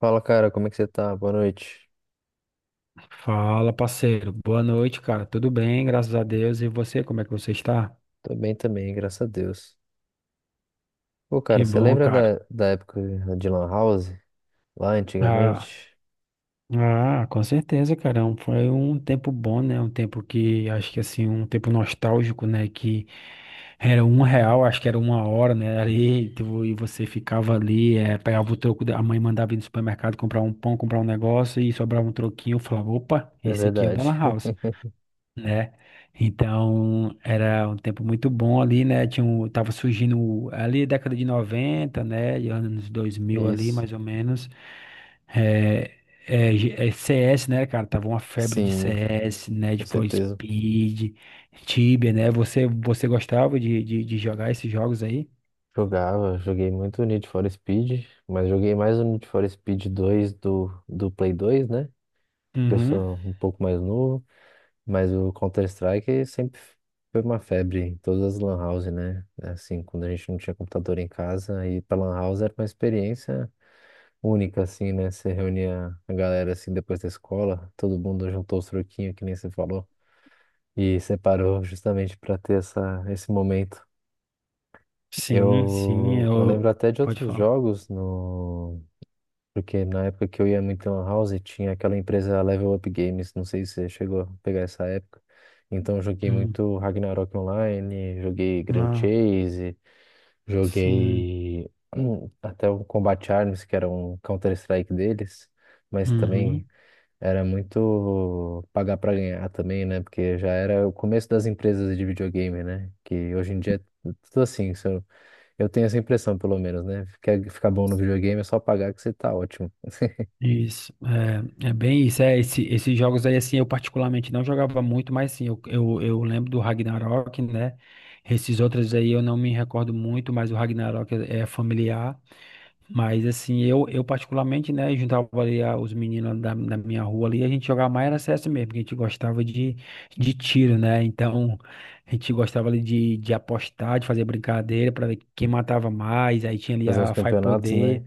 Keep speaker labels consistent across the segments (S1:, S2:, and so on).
S1: Fala, cara, como é que você tá? Boa noite.
S2: Fala, parceiro. Boa noite, cara. Tudo bem, graças a Deus. E você, como é que você está?
S1: Tô bem também, graças a Deus. Pô, cara,
S2: Que
S1: você
S2: bom,
S1: lembra
S2: cara.
S1: da época de Lan House? Lá
S2: Ah,
S1: antigamente?
S2: ah, com certeza, cara. Foi um tempo bom, né? Um tempo que, acho que assim, um tempo nostálgico, né? Que era R$ 1, acho que era 1 hora, né? Ali, e você ficava ali, pegava o troco, a mãe mandava ir no supermercado comprar um pão, comprar um negócio e sobrava um troquinho. Eu falava, opa,
S1: É
S2: esse aqui é o
S1: verdade.
S2: Della House, né? Então, era um tempo muito bom ali, né? Tinha um, tava surgindo ali década de 90, né? E anos dois mil ali,
S1: Isso.
S2: mais ou menos. É, é CS, né, cara? Tava uma febre de
S1: Sim,
S2: CS, né? De
S1: com
S2: For
S1: certeza.
S2: Speed, Tibia, né? Você gostava de, de jogar esses jogos aí?
S1: Jogava, joguei muito Need for Speed, mas joguei mais o Need for Speed 2 do Play 2, né? Que eu
S2: Uhum.
S1: sou um pouco mais novo, mas o Counter-Strike sempre foi uma febre em todas as lan houses, né? Assim, quando a gente não tinha computador em casa, ir pra lan house era uma experiência única, assim, né? Você reunia a galera, assim, depois da escola, todo mundo juntou os troquinhos, que nem você falou, e separou justamente para ter essa, esse momento.
S2: Sim, sim,
S1: Eu lembro
S2: eu...
S1: até de
S2: Pode
S1: outros
S2: falar.
S1: jogos, no... Porque na época que eu ia muito em Lan House, tinha aquela empresa Level Up Games, não sei se você chegou a pegar essa época. Então, eu joguei
S2: Hum.
S1: muito Ragnarok Online, joguei Grand
S2: Ah,
S1: Chase,
S2: sim.
S1: joguei até o Combat Arms, que era um Counter-Strike deles, mas
S2: Uhum.
S1: também era muito pagar pra ganhar também, né? Porque já era o começo das empresas de videogame, né? Que hoje em dia é tudo assim. Se Eu eu tenho essa impressão, pelo menos, né? Quer ficar bom no videogame, é só pagar que você tá ótimo.
S2: Isso, é bem isso, é, esses jogos aí, assim, eu particularmente não jogava muito, mas sim, eu lembro do Ragnarok, né, esses outros aí eu não me recordo muito, mas o Ragnarok é familiar, mas assim, eu particularmente, né, juntava ali os meninos da minha rua ali, a gente jogava mais era CS mesmo, porque a gente gostava de tiro, né, então a gente gostava ali de apostar, de fazer brincadeira para ver quem matava mais, aí tinha ali
S1: Fazer uns
S2: a Fai
S1: campeonatos, né?
S2: Poder,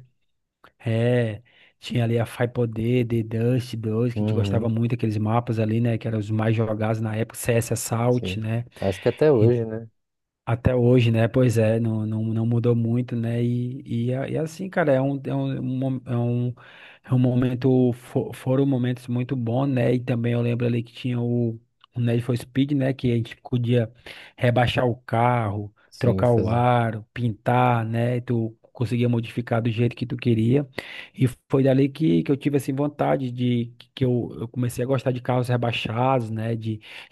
S2: é, tinha ali a Fai-Poder, The Dust 2, que a gente gostava
S1: Uhum,
S2: muito daqueles mapas ali, né? Que eram os mais jogados na época, CS Assault,
S1: sim.
S2: né?
S1: Acho que até hoje, né?
S2: Até hoje, né? Pois é, não, não, não mudou muito, né? E é assim, cara, é um, mo- é um momento, foram momentos muito bons, né? E também eu lembro ali que tinha o Need for Speed, né? Que a gente podia rebaixar o carro,
S1: Sim,
S2: trocar o
S1: fazer.
S2: aro, pintar, né? E tu conseguia modificar do jeito que tu queria. E foi dali que eu tive, assim, vontade de... Que eu comecei a gostar de carros rebaixados, né?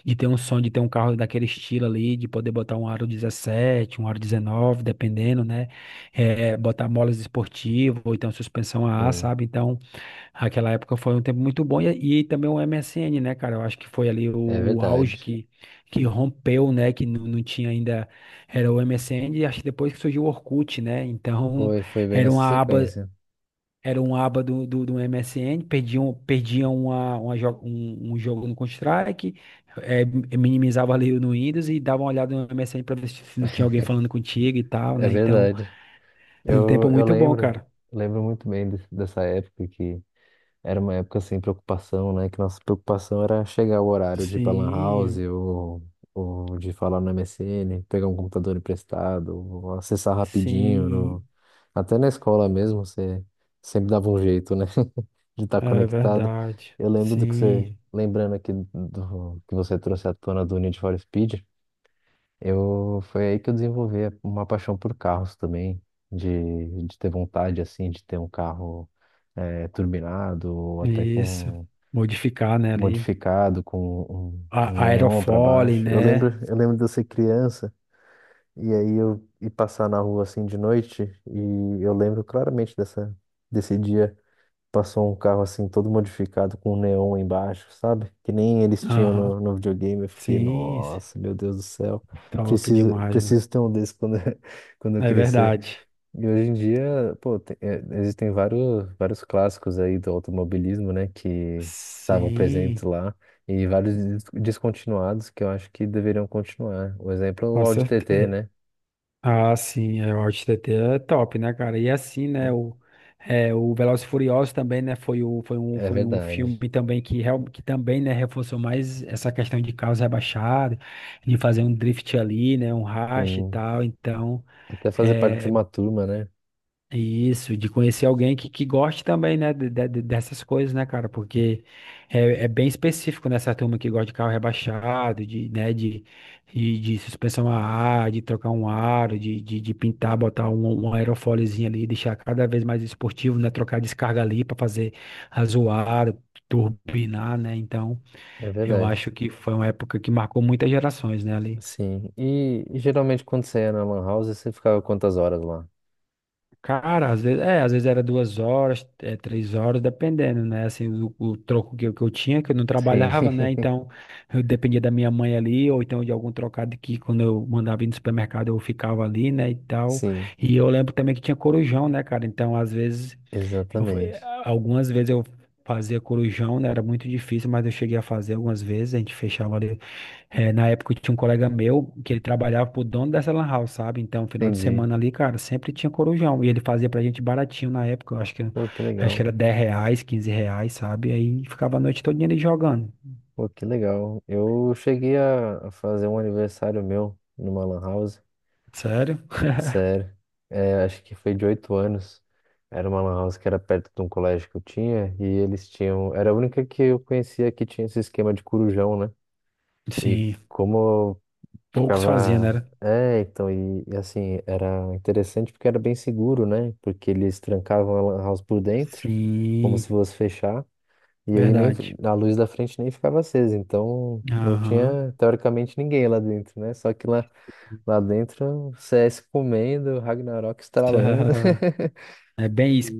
S2: De ter um sonho de ter um carro daquele estilo ali, de poder botar um aro 17, um aro 19, dependendo, né? Botar molas esportivas, ou então suspensão a ar,
S1: Sim,
S2: sabe? Então, aquela época foi um tempo muito bom. E também o MSN, né, cara? Eu acho que foi ali o,
S1: é
S2: o auge
S1: verdade.
S2: que rompeu, né? Que não, não tinha ainda. Era o MSN, e acho que depois que surgiu o Orkut, né? Então,
S1: Foi, foi bem
S2: era
S1: nessa
S2: uma aba
S1: sequência.
S2: era um aba do MSN, perdiam um jogo no Counter-Strike, eh, minimizava ali no Windows e dava uma olhada no MSN para ver se não tinha alguém falando contigo e tal,
S1: É
S2: né? Então,
S1: verdade.
S2: era um tempo
S1: Eu, eu
S2: muito bom,
S1: lembro,
S2: cara.
S1: lembro muito bem dessa época que era uma época sem preocupação, né? Que nossa preocupação era chegar o horário de ir pra Lan House
S2: Sim,
S1: ou de falar no MSN, pegar um computador emprestado, ou acessar rapidinho. No...
S2: sim,
S1: Até na escola mesmo, você sempre dava um jeito, né? De estar
S2: é
S1: conectado.
S2: verdade.
S1: Eu lembro do que você,
S2: Sim.
S1: lembrando aqui do que você trouxe à tona do Need for Speed, foi aí que eu desenvolvi uma paixão por carros também, de ter vontade, assim, de ter um carro turbinado, ou até
S2: Isso.
S1: com
S2: Modificar, né, ali.
S1: modificado, com um, um neon para
S2: Aerofólio,
S1: baixo. Eu lembro,
S2: né?
S1: eu lembro de eu ser criança, e aí eu ir passar na rua, assim, de noite, e eu lembro claramente dessa, desse dia. Passou um carro assim todo modificado com um neon embaixo, sabe? Que nem eles tinham
S2: Aham,
S1: no videogame. Eu fiquei,
S2: sim, sim.
S1: nossa, meu Deus do céu.
S2: Top
S1: Preciso,
S2: demais, né?
S1: preciso ter um desse quando, quando eu
S2: É
S1: crescer.
S2: verdade.
S1: E hoje em dia, pô, existem vários, vários clássicos aí do automobilismo, né? Que estavam presentes
S2: Sim,
S1: lá. E vários descontinuados que eu acho que deveriam continuar. O exemplo é o
S2: com
S1: Audi TT,
S2: certeza.
S1: né?
S2: Ah, sim, o OutTT é top, né, cara? E assim, né,
S1: Então,
S2: o Velozes e Furiosos também, né, foi, o, foi, um,
S1: é
S2: foi um
S1: verdade.
S2: filme também que, real, que também, né, reforçou mais essa questão de carros rebaixados, de fazer um drift ali, né, um racha e
S1: Sim.
S2: tal, então,
S1: Até fazer parte de
S2: é,
S1: uma turma, né?
S2: isso, de conhecer alguém que goste também, né, dessas coisas, né, cara, porque é bem específico nessa turma que gosta de carro rebaixado, de, né, de suspensão a ar, de trocar um aro, de pintar, botar um aerofóliozinho ali, deixar cada vez mais esportivo, né, trocar descarga ali para fazer azuar, turbinar, né, então
S1: É
S2: eu
S1: verdade.
S2: acho que foi uma época que marcou muitas gerações, né, ali.
S1: Sim. E geralmente quando você ia na Lan House, você ficava quantas horas lá?
S2: Cara, às vezes, às vezes era 2 horas, 3 horas, dependendo, né? Assim, o troco que eu tinha, que eu não
S1: Sim.
S2: trabalhava, né? Então, eu dependia da minha mãe ali, ou então de algum trocado que quando eu mandava ir no supermercado eu ficava ali, né? E tal.
S1: Sim,
S2: E eu lembro também que tinha corujão, né, cara? Então, às vezes, eu, eh,
S1: exatamente.
S2: algumas vezes eu fazia corujão, né? Era muito difícil, mas eu cheguei a fazer algumas vezes. A gente fechava ali, na época eu tinha um colega meu que ele trabalhava pro dono dessa lan house, sabe? Então, final de
S1: Entendi.
S2: semana ali, cara, sempre tinha corujão. E ele fazia pra gente baratinho na época, eu acho que,
S1: Pô, que
S2: acho que
S1: legal.
S2: era R$ 10, R$ 15, sabe? Aí ficava a noite toda ali jogando.
S1: Pô, que legal. Eu cheguei a fazer um aniversário meu numa lan house.
S2: Sério?
S1: Sério. É, acho que foi de 8 anos. Era uma lan house que era perto de um colégio que eu tinha e eles tinham. Era a única que eu conhecia que tinha esse esquema de corujão, né? E
S2: Sim,
S1: como
S2: poucos faziam, né?
S1: ficava.
S2: Era?
S1: É, então, e assim, era interessante porque era bem seguro, né? Porque eles trancavam a lan house por dentro, como se
S2: Sim,
S1: fosse fechar, e aí nem
S2: verdade.
S1: a luz da frente nem ficava acesa, então não
S2: Aham.
S1: tinha teoricamente ninguém lá dentro, né? Só que lá dentro, o CS comendo, o Ragnarok estralando.
S2: É bem isso.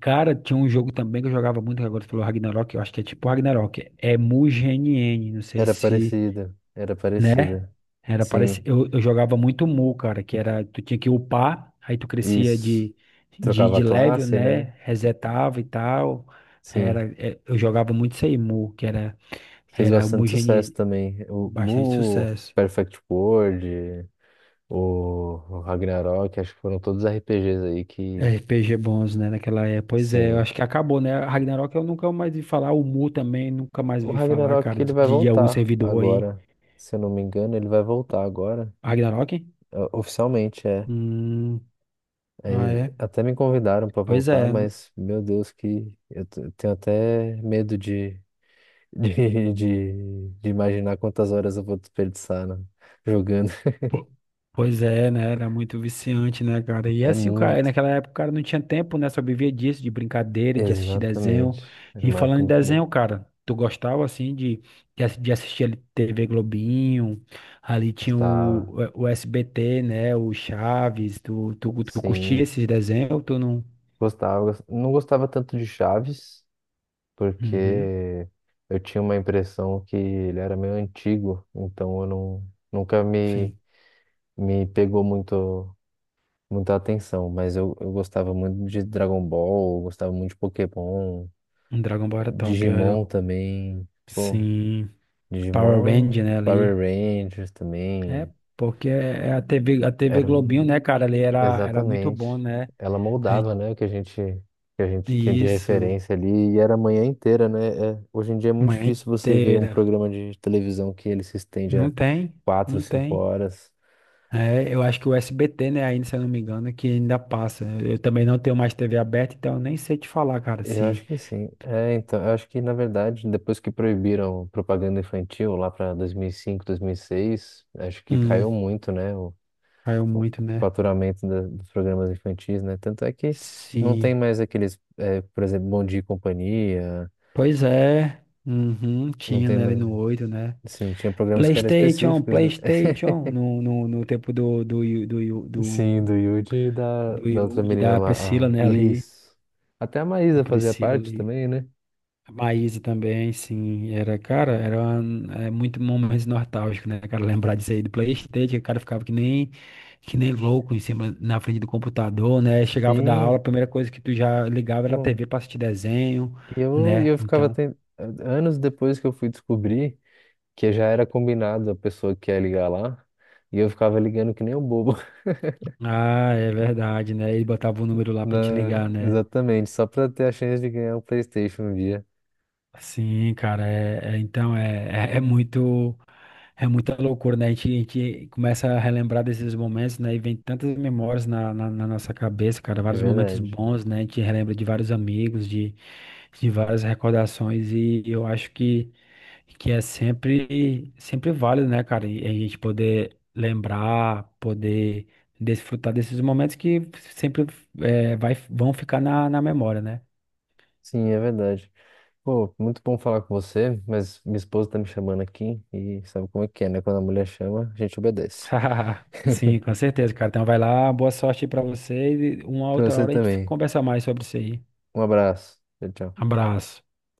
S2: Cara, tinha um jogo também que eu jogava muito, que agora tu falou Ragnarok, eu acho que é tipo Ragnarok. É Mugen, não sei
S1: Era
S2: se,
S1: parecida, era
S2: né?
S1: parecida.
S2: Era parece
S1: Sim,
S2: eu jogava muito Mu, cara, que era tu tinha que upar, aí tu crescia
S1: isso.
S2: de de,
S1: Trocava
S2: de
S1: a
S2: level,
S1: classe, né?
S2: né? Resetava e tal.
S1: Sim.
S2: Era eu jogava muito isso aí, Mu, que era
S1: Fez
S2: era o Mu
S1: bastante sucesso
S2: Genie,
S1: também. O
S2: bastante
S1: Mu,
S2: sucesso.
S1: Perfect World, o Ragnarok, acho que foram todos RPGs aí que,
S2: RPG bons, né, naquela época. Pois é, eu
S1: sim.
S2: acho que acabou, né? A Ragnarok eu nunca mais vi falar, o Mu também nunca mais
S1: O
S2: vi falar,
S1: Ragnarok
S2: cara, de,
S1: ele vai
S2: de algum
S1: voltar
S2: servidor aí.
S1: agora. Se eu não me engano, ele vai voltar agora.
S2: Ragnarok?
S1: Oficialmente, é.
S2: Hum, ah
S1: Aí,
S2: é.
S1: até me convidaram para
S2: Pois
S1: voltar,
S2: é.
S1: mas meu Deus, que eu tenho até medo de, de imaginar quantas horas eu vou desperdiçar, né, jogando.
S2: Po- Pois é, né? Era muito viciante, né, cara? E
S1: É
S2: assim, o cara,
S1: muito.
S2: naquela época o cara não tinha tempo, né? Só vivia disso, de brincadeira, de assistir desenho.
S1: Exatamente. Era
S2: E
S1: uma
S2: falando
S1: época
S2: em
S1: muito boa.
S2: desenho, cara, tu gostava, assim, de assistir ali TV Globinho, ali tinha
S1: Gostava,
S2: o SBT, né? O Chaves, tu curtia
S1: sim,
S2: esses desenhos ou tu não?
S1: gostava. Não gostava tanto de Chaves,
S2: Uhum,
S1: porque eu tinha uma impressão que ele era meio antigo, então eu não, nunca me,
S2: sim.
S1: me pegou muito, muita atenção. Mas eu gostava muito de Dragon Ball, eu gostava muito de Pokémon,
S2: Um Dragon Ball era top, era...
S1: Digimon também. Pô,
S2: Sim. Power
S1: Digimon,
S2: Ranger, né,
S1: Power
S2: ali.
S1: Rangers
S2: É,
S1: também.
S2: porque é a TV
S1: Era
S2: Globinho,
S1: um
S2: né, cara, ali era muito
S1: Exatamente.
S2: bom, né?
S1: Ela
S2: É
S1: moldava, né, o que a gente tinha de
S2: isso,
S1: referência ali e era a manhã inteira, né? É, hoje em dia é muito
S2: manhã
S1: difícil você ver um
S2: inteira.
S1: programa de televisão que ele se estende
S2: Não
S1: a
S2: tem,
S1: quatro,
S2: não
S1: cinco
S2: tem.
S1: horas.
S2: É, eu acho que o SBT, né, ainda, se eu não me engano, que ainda passa. Eu também não tenho mais TV aberta, então eu nem sei te falar, cara,
S1: Eu acho
S2: se
S1: que sim. É, então, eu acho que na verdade, depois que proibiram propaganda infantil lá para dois mil e cinco 2006 acho que
S2: hum,
S1: caiu muito, né, o,
S2: caiu
S1: o
S2: muito, né?
S1: faturamento dos programas infantis, né? Tanto é que não tem
S2: Sim.
S1: mais aqueles, é, por exemplo, Bom Dia e Companhia,
S2: Pois é. Uhum,
S1: não
S2: tinha,
S1: tem
S2: né, ali
S1: mais
S2: no 8, né?
S1: Sim, tinha programas que eram
S2: PlayStation,
S1: específicos, né?
S2: PlayStation, no tempo do, do, do, do,
S1: Sim, do Yudi e da,
S2: do
S1: da outra
S2: Yud,
S1: menina
S2: da
S1: lá,
S2: Priscila,
S1: a
S2: né, ali,
S1: Is. Até a
S2: a
S1: Maísa fazia
S2: Priscila
S1: parte
S2: ali,
S1: também, né?
S2: a Maísa também, sim, cara, é muito momento nostálgico, né, cara, lembrar disso aí do PlayStation, que o cara ficava que nem louco em cima, na frente do computador, né, chegava da aula,
S1: Sim,
S2: a primeira coisa que tu já ligava era a
S1: pô.
S2: TV pra assistir desenho,
S1: E eu, e
S2: né,
S1: eu ficava
S2: então,
S1: ten... anos depois que eu fui descobrir que já era combinado a pessoa que ia ligar lá, e eu ficava ligando que nem um bobo.
S2: ah, é verdade, né, ele botava o número lá pra gente
S1: Na...
S2: ligar, né,
S1: Exatamente, só pra ter a chance de ganhar um PlayStation um dia.
S2: Sim, cara, então é, é, é muito é muita loucura, né? A gente começa a relembrar desses momentos, né? E vem tantas memórias na nossa cabeça, cara,
S1: É
S2: vários momentos
S1: verdade.
S2: bons, né? A gente relembra de vários amigos, de várias recordações, e eu acho que é sempre, sempre válido, né, cara? E a gente poder lembrar, poder desfrutar desses momentos que sempre vão ficar na memória, né?
S1: Sim, é verdade. Pô, muito bom falar com você, mas minha esposa tá me chamando aqui e sabe como é que é, né? Quando a mulher chama, a gente obedece.
S2: Sim, com certeza, cara. Então vai lá, boa sorte aí pra vocês e uma
S1: Pra
S2: outra
S1: você
S2: hora a gente
S1: também.
S2: conversa mais sobre isso aí.
S1: Um abraço. Tchau, tchau.
S2: Abraço.